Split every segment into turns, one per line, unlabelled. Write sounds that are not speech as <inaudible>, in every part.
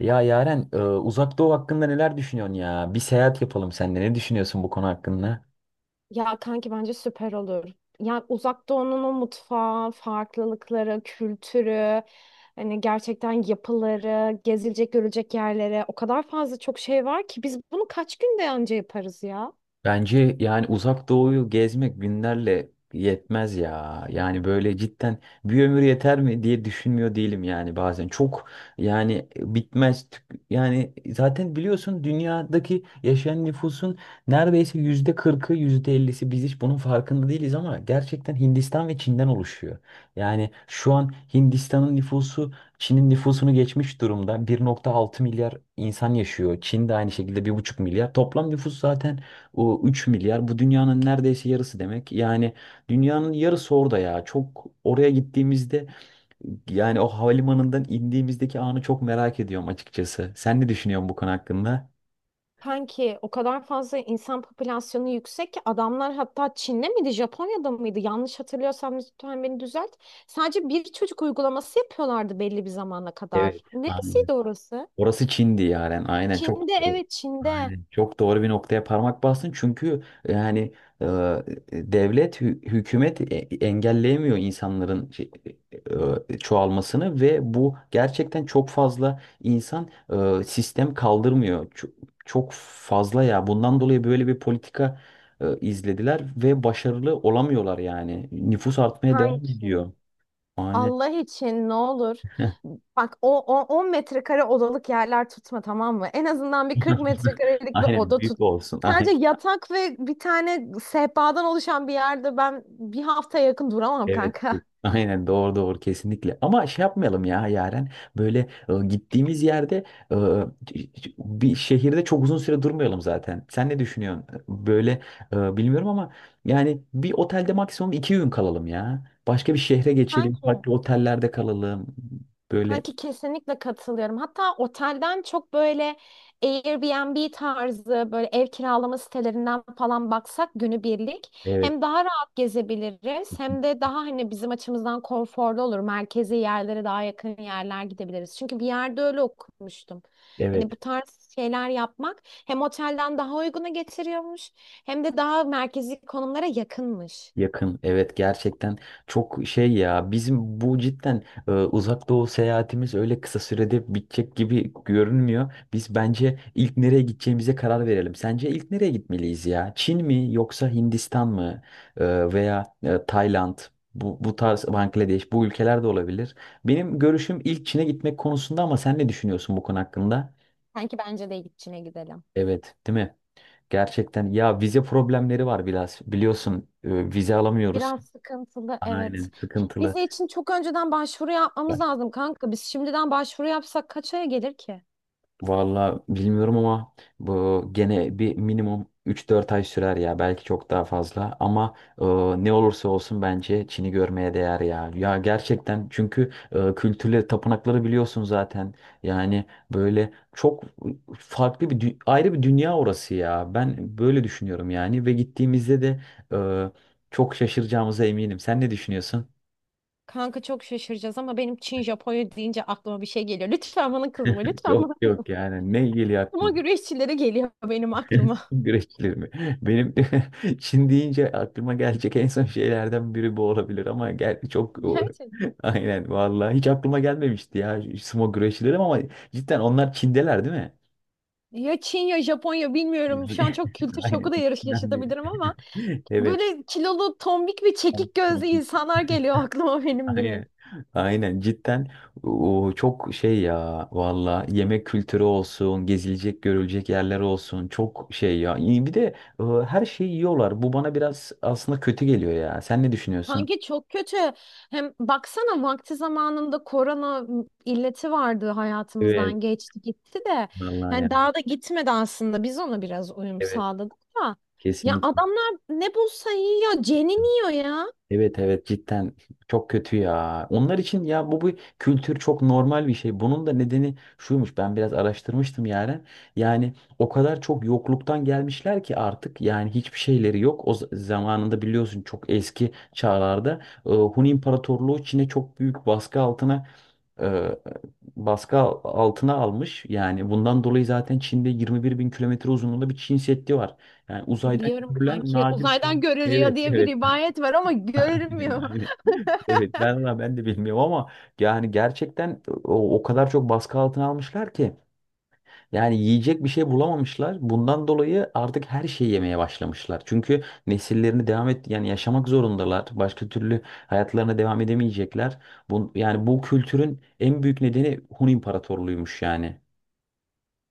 Ya Yaren, Uzak Doğu hakkında neler düşünüyorsun ya? Bir seyahat yapalım seninle. Ne düşünüyorsun bu konu hakkında?
Ya kanki bence süper olur. Ya Uzak Doğu'nun o mutfağı, farklılıkları, kültürü, hani gerçekten yapıları, gezilecek, görülecek yerlere o kadar fazla çok şey var ki biz bunu kaç günde anca yaparız ya?
Bence yani uzak doğuyu gezmek günlerle yetmez ya. Yani böyle cidden bir ömür yeter mi diye düşünmüyor değilim yani bazen. Çok yani bitmez. Yani zaten biliyorsun dünyadaki yaşayan nüfusun neredeyse %40'ı yüzde ellisi biz hiç bunun farkında değiliz ama gerçekten Hindistan ve Çin'den oluşuyor. Yani şu an Hindistan'ın nüfusu Çin'in nüfusunu geçmiş durumda. 1,6 milyar insan yaşıyor. Çin de aynı şekilde 1,5 milyar. Toplam nüfus zaten o 3 milyar, bu dünyanın neredeyse yarısı demek. Yani dünyanın yarısı orada ya. Çok oraya gittiğimizde yani o havalimanından indiğimizdeki anı çok merak ediyorum açıkçası. Sen ne düşünüyorsun bu konu hakkında?
Kanki o kadar fazla insan popülasyonu yüksek ki adamlar hatta Çin'de miydi, Japonya'da mıydı? Yanlış hatırlıyorsam lütfen beni düzelt. Sadece bir çocuk uygulaması yapıyorlardı belli bir zamana
Evet.
kadar.
Aynen.
Neresiydi orası?
Orası Çin'di yani. Aynen çok
Çin'de, evet, Çin'de.
aynen çok doğru bir noktaya parmak bastın. Çünkü yani e, devlet hükümet engelleyemiyor insanların e, çoğalmasını ve bu gerçekten çok fazla insan, sistem kaldırmıyor. Çok, çok fazla ya. Bundan dolayı böyle bir politika izlediler ve başarılı olamıyorlar yani. Nüfus artmaya devam
Kanki.
ediyor. Aynen.
Allah için ne olur. Bak, o 10 metrekare odalık yerler tutma, tamam mı? En azından bir 40
<laughs>
metrekarelik bir
Aynen
oda
büyük
tut.
olsun.
Sadece
<laughs>
yatak ve bir tane sehpadan oluşan bir yerde ben bir hafta yakın duramam,
Evet.
kanka.
Aynen doğru doğru kesinlikle. Ama şey yapmayalım ya Yaren. Böyle gittiğimiz yerde, e, bir şehirde çok uzun süre durmayalım zaten. Sen ne düşünüyorsun? Böyle bilmiyorum ama yani bir otelde maksimum 2 gün kalalım ya. Başka bir şehre geçelim.
Kanki
Farklı otellerde kalalım. Böyle
Kanki, kesinlikle katılıyorum. Hatta otelden çok böyle Airbnb tarzı böyle ev kiralama sitelerinden falan baksak, günübirlik
evet.
hem daha rahat gezebiliriz hem de daha hani bizim açımızdan konforlu olur. Merkezi yerlere daha yakın yerler gidebiliriz. Çünkü bir yerde öyle okumuştum.
Evet.
Hani bu tarz şeyler yapmak hem otelden daha uyguna getiriyormuş hem de daha merkezi konumlara yakınmış.
Yakın evet gerçekten çok şey ya bizim bu cidden uzak doğu seyahatimiz öyle kısa sürede bitecek gibi görünmüyor. Biz bence ilk nereye gideceğimize karar verelim. Sence ilk nereye gitmeliyiz ya? Çin mi yoksa Hindistan mı? Veya Tayland, bu tarz Bangladeş, bu ülkeler de olabilir. Benim görüşüm ilk Çin'e gitmek konusunda ama sen ne düşünüyorsun bu konu hakkında?
Sanki bence de içine gidelim.
Evet, değil mi? Gerçekten ya vize problemleri var biraz biliyorsun, vize alamıyoruz.
Biraz sıkıntılı, evet.
Aynen sıkıntılı.
Vize için çok önceden başvuru yapmamız
Evet.
lazım, kanka. Biz şimdiden başvuru yapsak kaç aya gelir ki?
Vallahi bilmiyorum ama bu gene bir minimum 3-4 ay sürer ya, belki çok daha fazla ama e, ne olursa olsun bence Çin'i görmeye değer ya. Ya gerçekten çünkü kültürleri, tapınakları biliyorsun zaten. Yani böyle çok farklı bir ayrı bir dünya orası ya. Ben böyle düşünüyorum yani ve gittiğimizde de e, çok şaşıracağımıza eminim. Sen ne düşünüyorsun?
Kanka, çok şaşıracağız ama benim Çin Japonya deyince aklıma bir şey geliyor. Lütfen bana kızma, lütfen
Yok
bana.
yok, yani ne ilgili?
Ama güreşçilere geliyor benim
<laughs>
aklıma.
Güreşçileri mi? Benim <laughs> Çin deyince aklıma gelecek en son şeylerden biri bu olabilir ama gel çok
<laughs> Gerçekten.
<laughs> aynen vallahi hiç aklıma gelmemişti ya sumo güreşçileri ama cidden onlar Çin'deler değil mi?
Ya Çin ya Japonya, bilmiyorum. Şu an
<laughs>
çok kültür
Aynen
şoku da yarış
Çinden biri.
yaşatabilirim ama
<laughs> Evet.
böyle kilolu, tombik ve çekik gözlü insanlar geliyor aklıma benim
Aynen.
direkt.
Aynen cidden o çok şey ya, valla yemek kültürü olsun, gezilecek görülecek yerler olsun çok şey ya. İyi, bir de her şeyi yiyorlar, bu bana biraz aslında kötü geliyor ya, sen ne düşünüyorsun?
Kanki, çok kötü. Hem baksana, vakti zamanında korona illeti vardı,
Evet
hayatımızdan geçti gitti de.
vallahi ya,
Yani daha da gitmedi aslında. Biz ona biraz uyum
evet
sağladık da. Ya
kesinlikle.
adamlar ne bulsa yiyor, ceniniyor ya.
Evet evet cidden çok kötü ya. Onlar için ya bu bu kültür çok normal bir şey. Bunun da nedeni şuymuş. Ben biraz araştırmıştım yani. Yani o kadar çok yokluktan gelmişler ki artık yani hiçbir şeyleri yok. O zamanında biliyorsun çok eski çağlarda Hun İmparatorluğu Çin'e çok büyük baskı altına e, baskı al- altına almış. Yani bundan dolayı zaten Çin'de 21 bin kilometre uzunluğunda bir Çin Seddi var. Yani uzaydan
Biliyorum
görülen
kanki,
nadir şey.
uzaydan görülüyor
Evet
diye bir
evet.
rivayet var ama
<laughs> Aynen,
görülmüyor.
aynen. Evet ben valla ben de bilmiyorum ama yani gerçekten o kadar çok baskı altına almışlar ki yani yiyecek bir şey bulamamışlar. Bundan dolayı artık her şeyi yemeye başlamışlar. Çünkü nesillerini devam et yani yaşamak zorundalar. Başka türlü hayatlarına devam edemeyecekler. Bu, yani bu kültürün en büyük nedeni Hun İmparatorluğuymuş yani.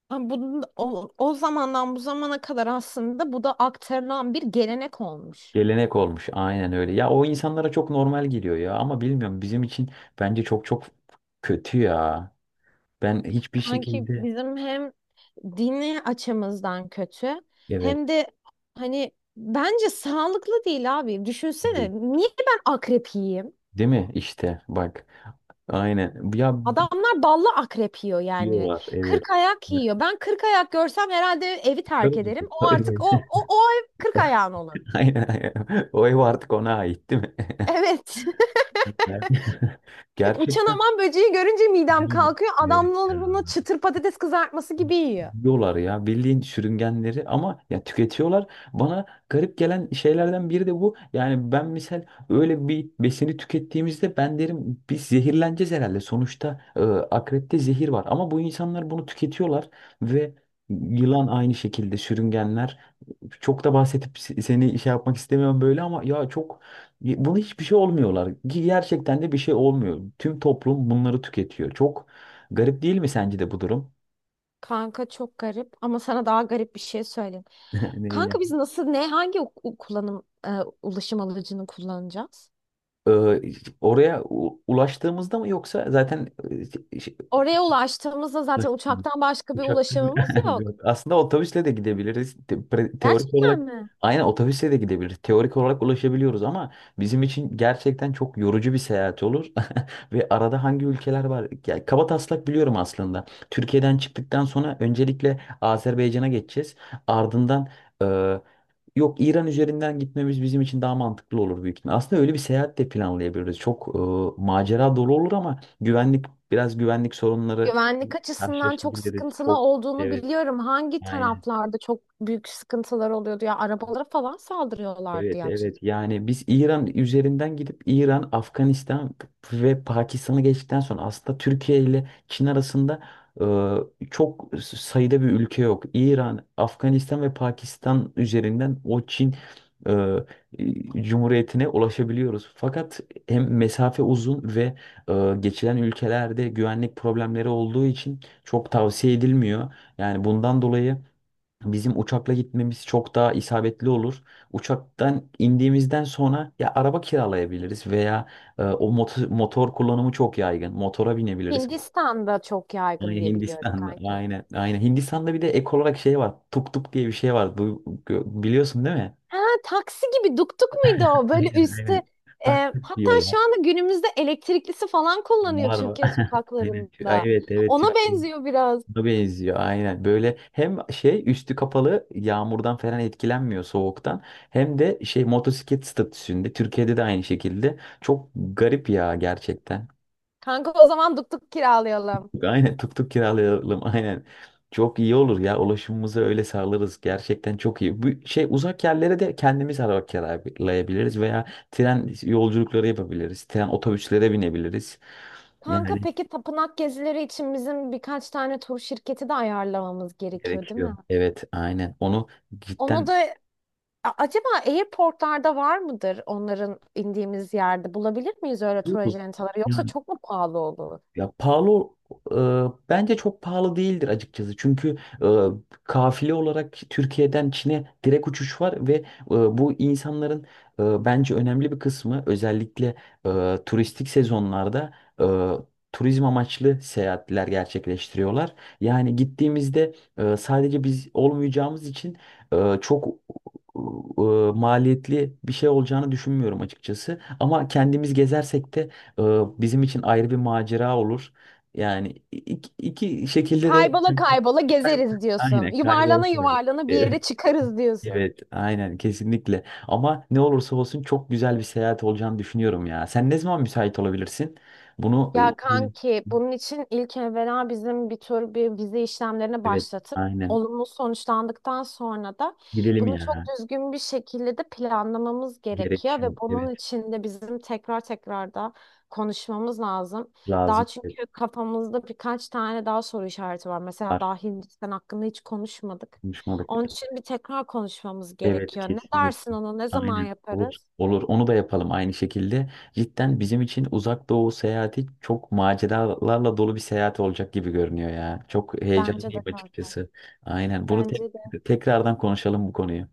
Ama bu, o zamandan bu zamana kadar aslında bu da aktarılan bir gelenek olmuş.
Gelenek olmuş aynen öyle. Ya o insanlara çok normal geliyor ya ama bilmiyorum, bizim için bence çok çok kötü ya. Ben hiçbir
Kanki,
şekilde
bizim hem dini açımızdan kötü
evet.
hem de hani bence sağlıklı değil abi. Düşünsene,
iyi.
niye ben akrep yiyeyim?
Değil mi? İşte bak. Aynen. Ya
Adamlar ballı akrep yiyor yani.
diyorlar evet.
Kırk ayak
Ya,
yiyor. Ben kırk ayak görsem herhalde evi
yukarı
terk ederim.
gibi. <laughs>
O artık o
Evet.
o o ev kırk ayağın olur.
Aynen aynen. O ev artık ona ait değil mi? <laughs>
Evet.
Yani- <laughs>
<laughs> Uçan
Gerçekten
aman böceği görünce midem
değil mi?
kalkıyor.
Evet.
Adamlar bunu
Ya.
çıtır patates kızartması gibi yiyor.
Yiyorlar ya bildiğin sürüngenleri ama ya tüketiyorlar. Bana garip gelen şeylerden biri de bu. Yani ben misal öyle bir besini tükettiğimizde ben derim biz zehirleneceğiz herhalde. Sonuçta akrepte zehir var ama bu insanlar bunu tüketiyorlar ve yılan aynı şekilde sürüngenler. Çok da bahsedip seni şey yapmak istemiyorum böyle ama ya çok bunu hiçbir şey olmuyorlar. Ki gerçekten de bir şey olmuyor. Tüm toplum bunları tüketiyor. Çok garip değil mi sence de bu durum?
Kanka, çok garip ama sana daha garip bir şey söyleyeyim. Kanka,
<laughs>
biz nasıl, ne, hangi ulaşım aracını kullanacağız?
Ee, oraya ulaştığımızda mı yoksa zaten
Oraya ulaştığımızda
şey,
zaten uçaktan başka bir
uçakta
ulaşımımız
<laughs>
yok.
yok. Aslında otobüsle de gidebiliriz. Teorik
Gerçekten
olarak
mi?
aynen otobüsle de gidebiliriz. Teorik olarak ulaşabiliyoruz ama bizim için gerçekten çok yorucu bir seyahat olur. <laughs> Ve arada hangi ülkeler var? Yani kaba taslak biliyorum aslında. Türkiye'den çıktıktan sonra öncelikle Azerbaycan'a geçeceğiz. Ardından e, yok, İran üzerinden gitmemiz bizim için daha mantıklı olur büyük ihtimal. Aslında öyle bir seyahat de planlayabiliriz. Çok macera dolu olur ama güvenlik, biraz güvenlik sorunları
Güvenlik açısından çok
karşılaşabiliriz
sıkıntılı
çok.
olduğunu
Evet,
biliyorum. Hangi
aynen.
taraflarda çok büyük sıkıntılar oluyordu ya, arabalara falan saldırıyorlardı,
Evet,
yanlış hatırlamıyorsam.
evet. Yani biz İran üzerinden gidip İran, Afganistan ve Pakistan'ı geçtikten sonra aslında Türkiye ile Çin arasında çok sayıda bir ülke yok. İran, Afganistan ve Pakistan üzerinden o Çin e, Cumhuriyeti'ne ulaşabiliyoruz. Fakat hem mesafe uzun ve geçilen ülkelerde güvenlik problemleri olduğu için çok tavsiye edilmiyor. Yani bundan dolayı bizim uçakla gitmemiz çok daha isabetli olur. Uçaktan indiğimizden sonra ya araba kiralayabiliriz veya o motor kullanımı çok yaygın. Motora binebiliriz.
Hindistan'da çok yaygın
Aynen
diye biliyorum,
Hindistan'da.
kanka.
Aynen. Aynen. Hindistan'da bir de ek olarak şey var. Tuk tuk diye bir şey var. Bu, biliyorsun değil mi?
Ha, taksi gibi duktuk muydu o?
<laughs>
Böyle
Aynen aynen.
üstte e,
Tak tuk
hatta
diyorlar.
şu anda günümüzde elektriklisi falan kullanıyor
Var var.
Türkiye
<laughs> Aynen.
sokaklarında.
Evet evet Türk.
Ona benziyor biraz.
Buna benziyor aynen. Böyle hem şey üstü kapalı, yağmurdan falan etkilenmiyor soğuktan. Hem de şey motosiklet statüsünde Türkiye'de de aynı şekilde. Çok garip ya gerçekten.
Kanka, o zaman duktuk kiralayalım.
<laughs> Aynen tuk tuk kiralayalım <laughs> aynen. Çok iyi olur ya, ulaşımımızı öyle sağlarız. Gerçekten çok iyi. Bu şey uzak yerlere de kendimiz araba kiralayabiliriz veya tren yolculukları yapabiliriz. Tren otobüslere binebiliriz.
Kanka,
Yani
peki tapınak gezileri için bizim birkaç tane tur şirketi de ayarlamamız gerekiyor, değil mi?
gerekiyor. Evet aynen. Onu
Onu
cidden
da acaba airportlarda var mıdır onların, indiğimiz yerde? Bulabilir miyiz öyle tur acentaları, yoksa çok mu pahalı olur?
ya pahalı, e, bence çok pahalı değildir açıkçası. Çünkü kafile olarak Türkiye'den Çin'e direkt uçuş var ve bu insanların bence önemli bir kısmı özellikle turistik sezonlarda e, turizm amaçlı seyahatler gerçekleştiriyorlar. Yani gittiğimizde sadece biz olmayacağımız için çok e, maliyetli bir şey olacağını düşünmüyorum açıkçası. Ama kendimiz gezersek de ee, bizim için ayrı bir macera olur. Yani iki şekilde de
Kaybola kaybola
<laughs> Kay-
gezeriz diyorsun.
aynen
Yuvarlana
kaybedersin.
yuvarlana bir yere
Evet,
çıkarız diyorsun.
evet, aynen kesinlikle. Ama ne olursa olsun çok güzel bir seyahat olacağını düşünüyorum ya. Sen ne zaman müsait olabilirsin? Bunu
Ya
aynen.
kanki, bunun için ilk evvela bizim bir tür bir vize işlemlerine
Evet,
başlatıp,
aynen.
olumlu sonuçlandıktan sonra da
Gidelim
bunu çok
ya.
düzgün bir şekilde de planlamamız gerekiyor ve
Gerekiyor.
bunun
Evet,
için de bizim tekrar tekrar da konuşmamız lazım.
lazım.
Daha
Evet,
çünkü kafamızda birkaç tane daha soru işareti var. Mesela
var.
daha Hindistan hakkında hiç konuşmadık.
Konuşmadık.
Onun için bir tekrar konuşmamız
Evet
gerekiyor. Ne dersin
kesinlikle.
ona? Ne zaman
Aynen. Olur.
yaparız?
Olur. Onu da yapalım aynı şekilde. Cidden bizim için uzak doğu seyahati çok maceralarla dolu bir seyahat olacak gibi görünüyor ya. Çok
Bence de,
heyecanlıyım
kanka.
açıkçası. Aynen. Bunu
Bence de.
tekrardan konuşalım bu konuyu.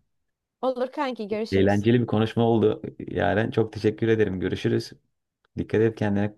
Olur kanki, görüşürüz.
Eğlenceli bir konuşma oldu. Yaren çok teşekkür ederim. Görüşürüz. Dikkat et kendine.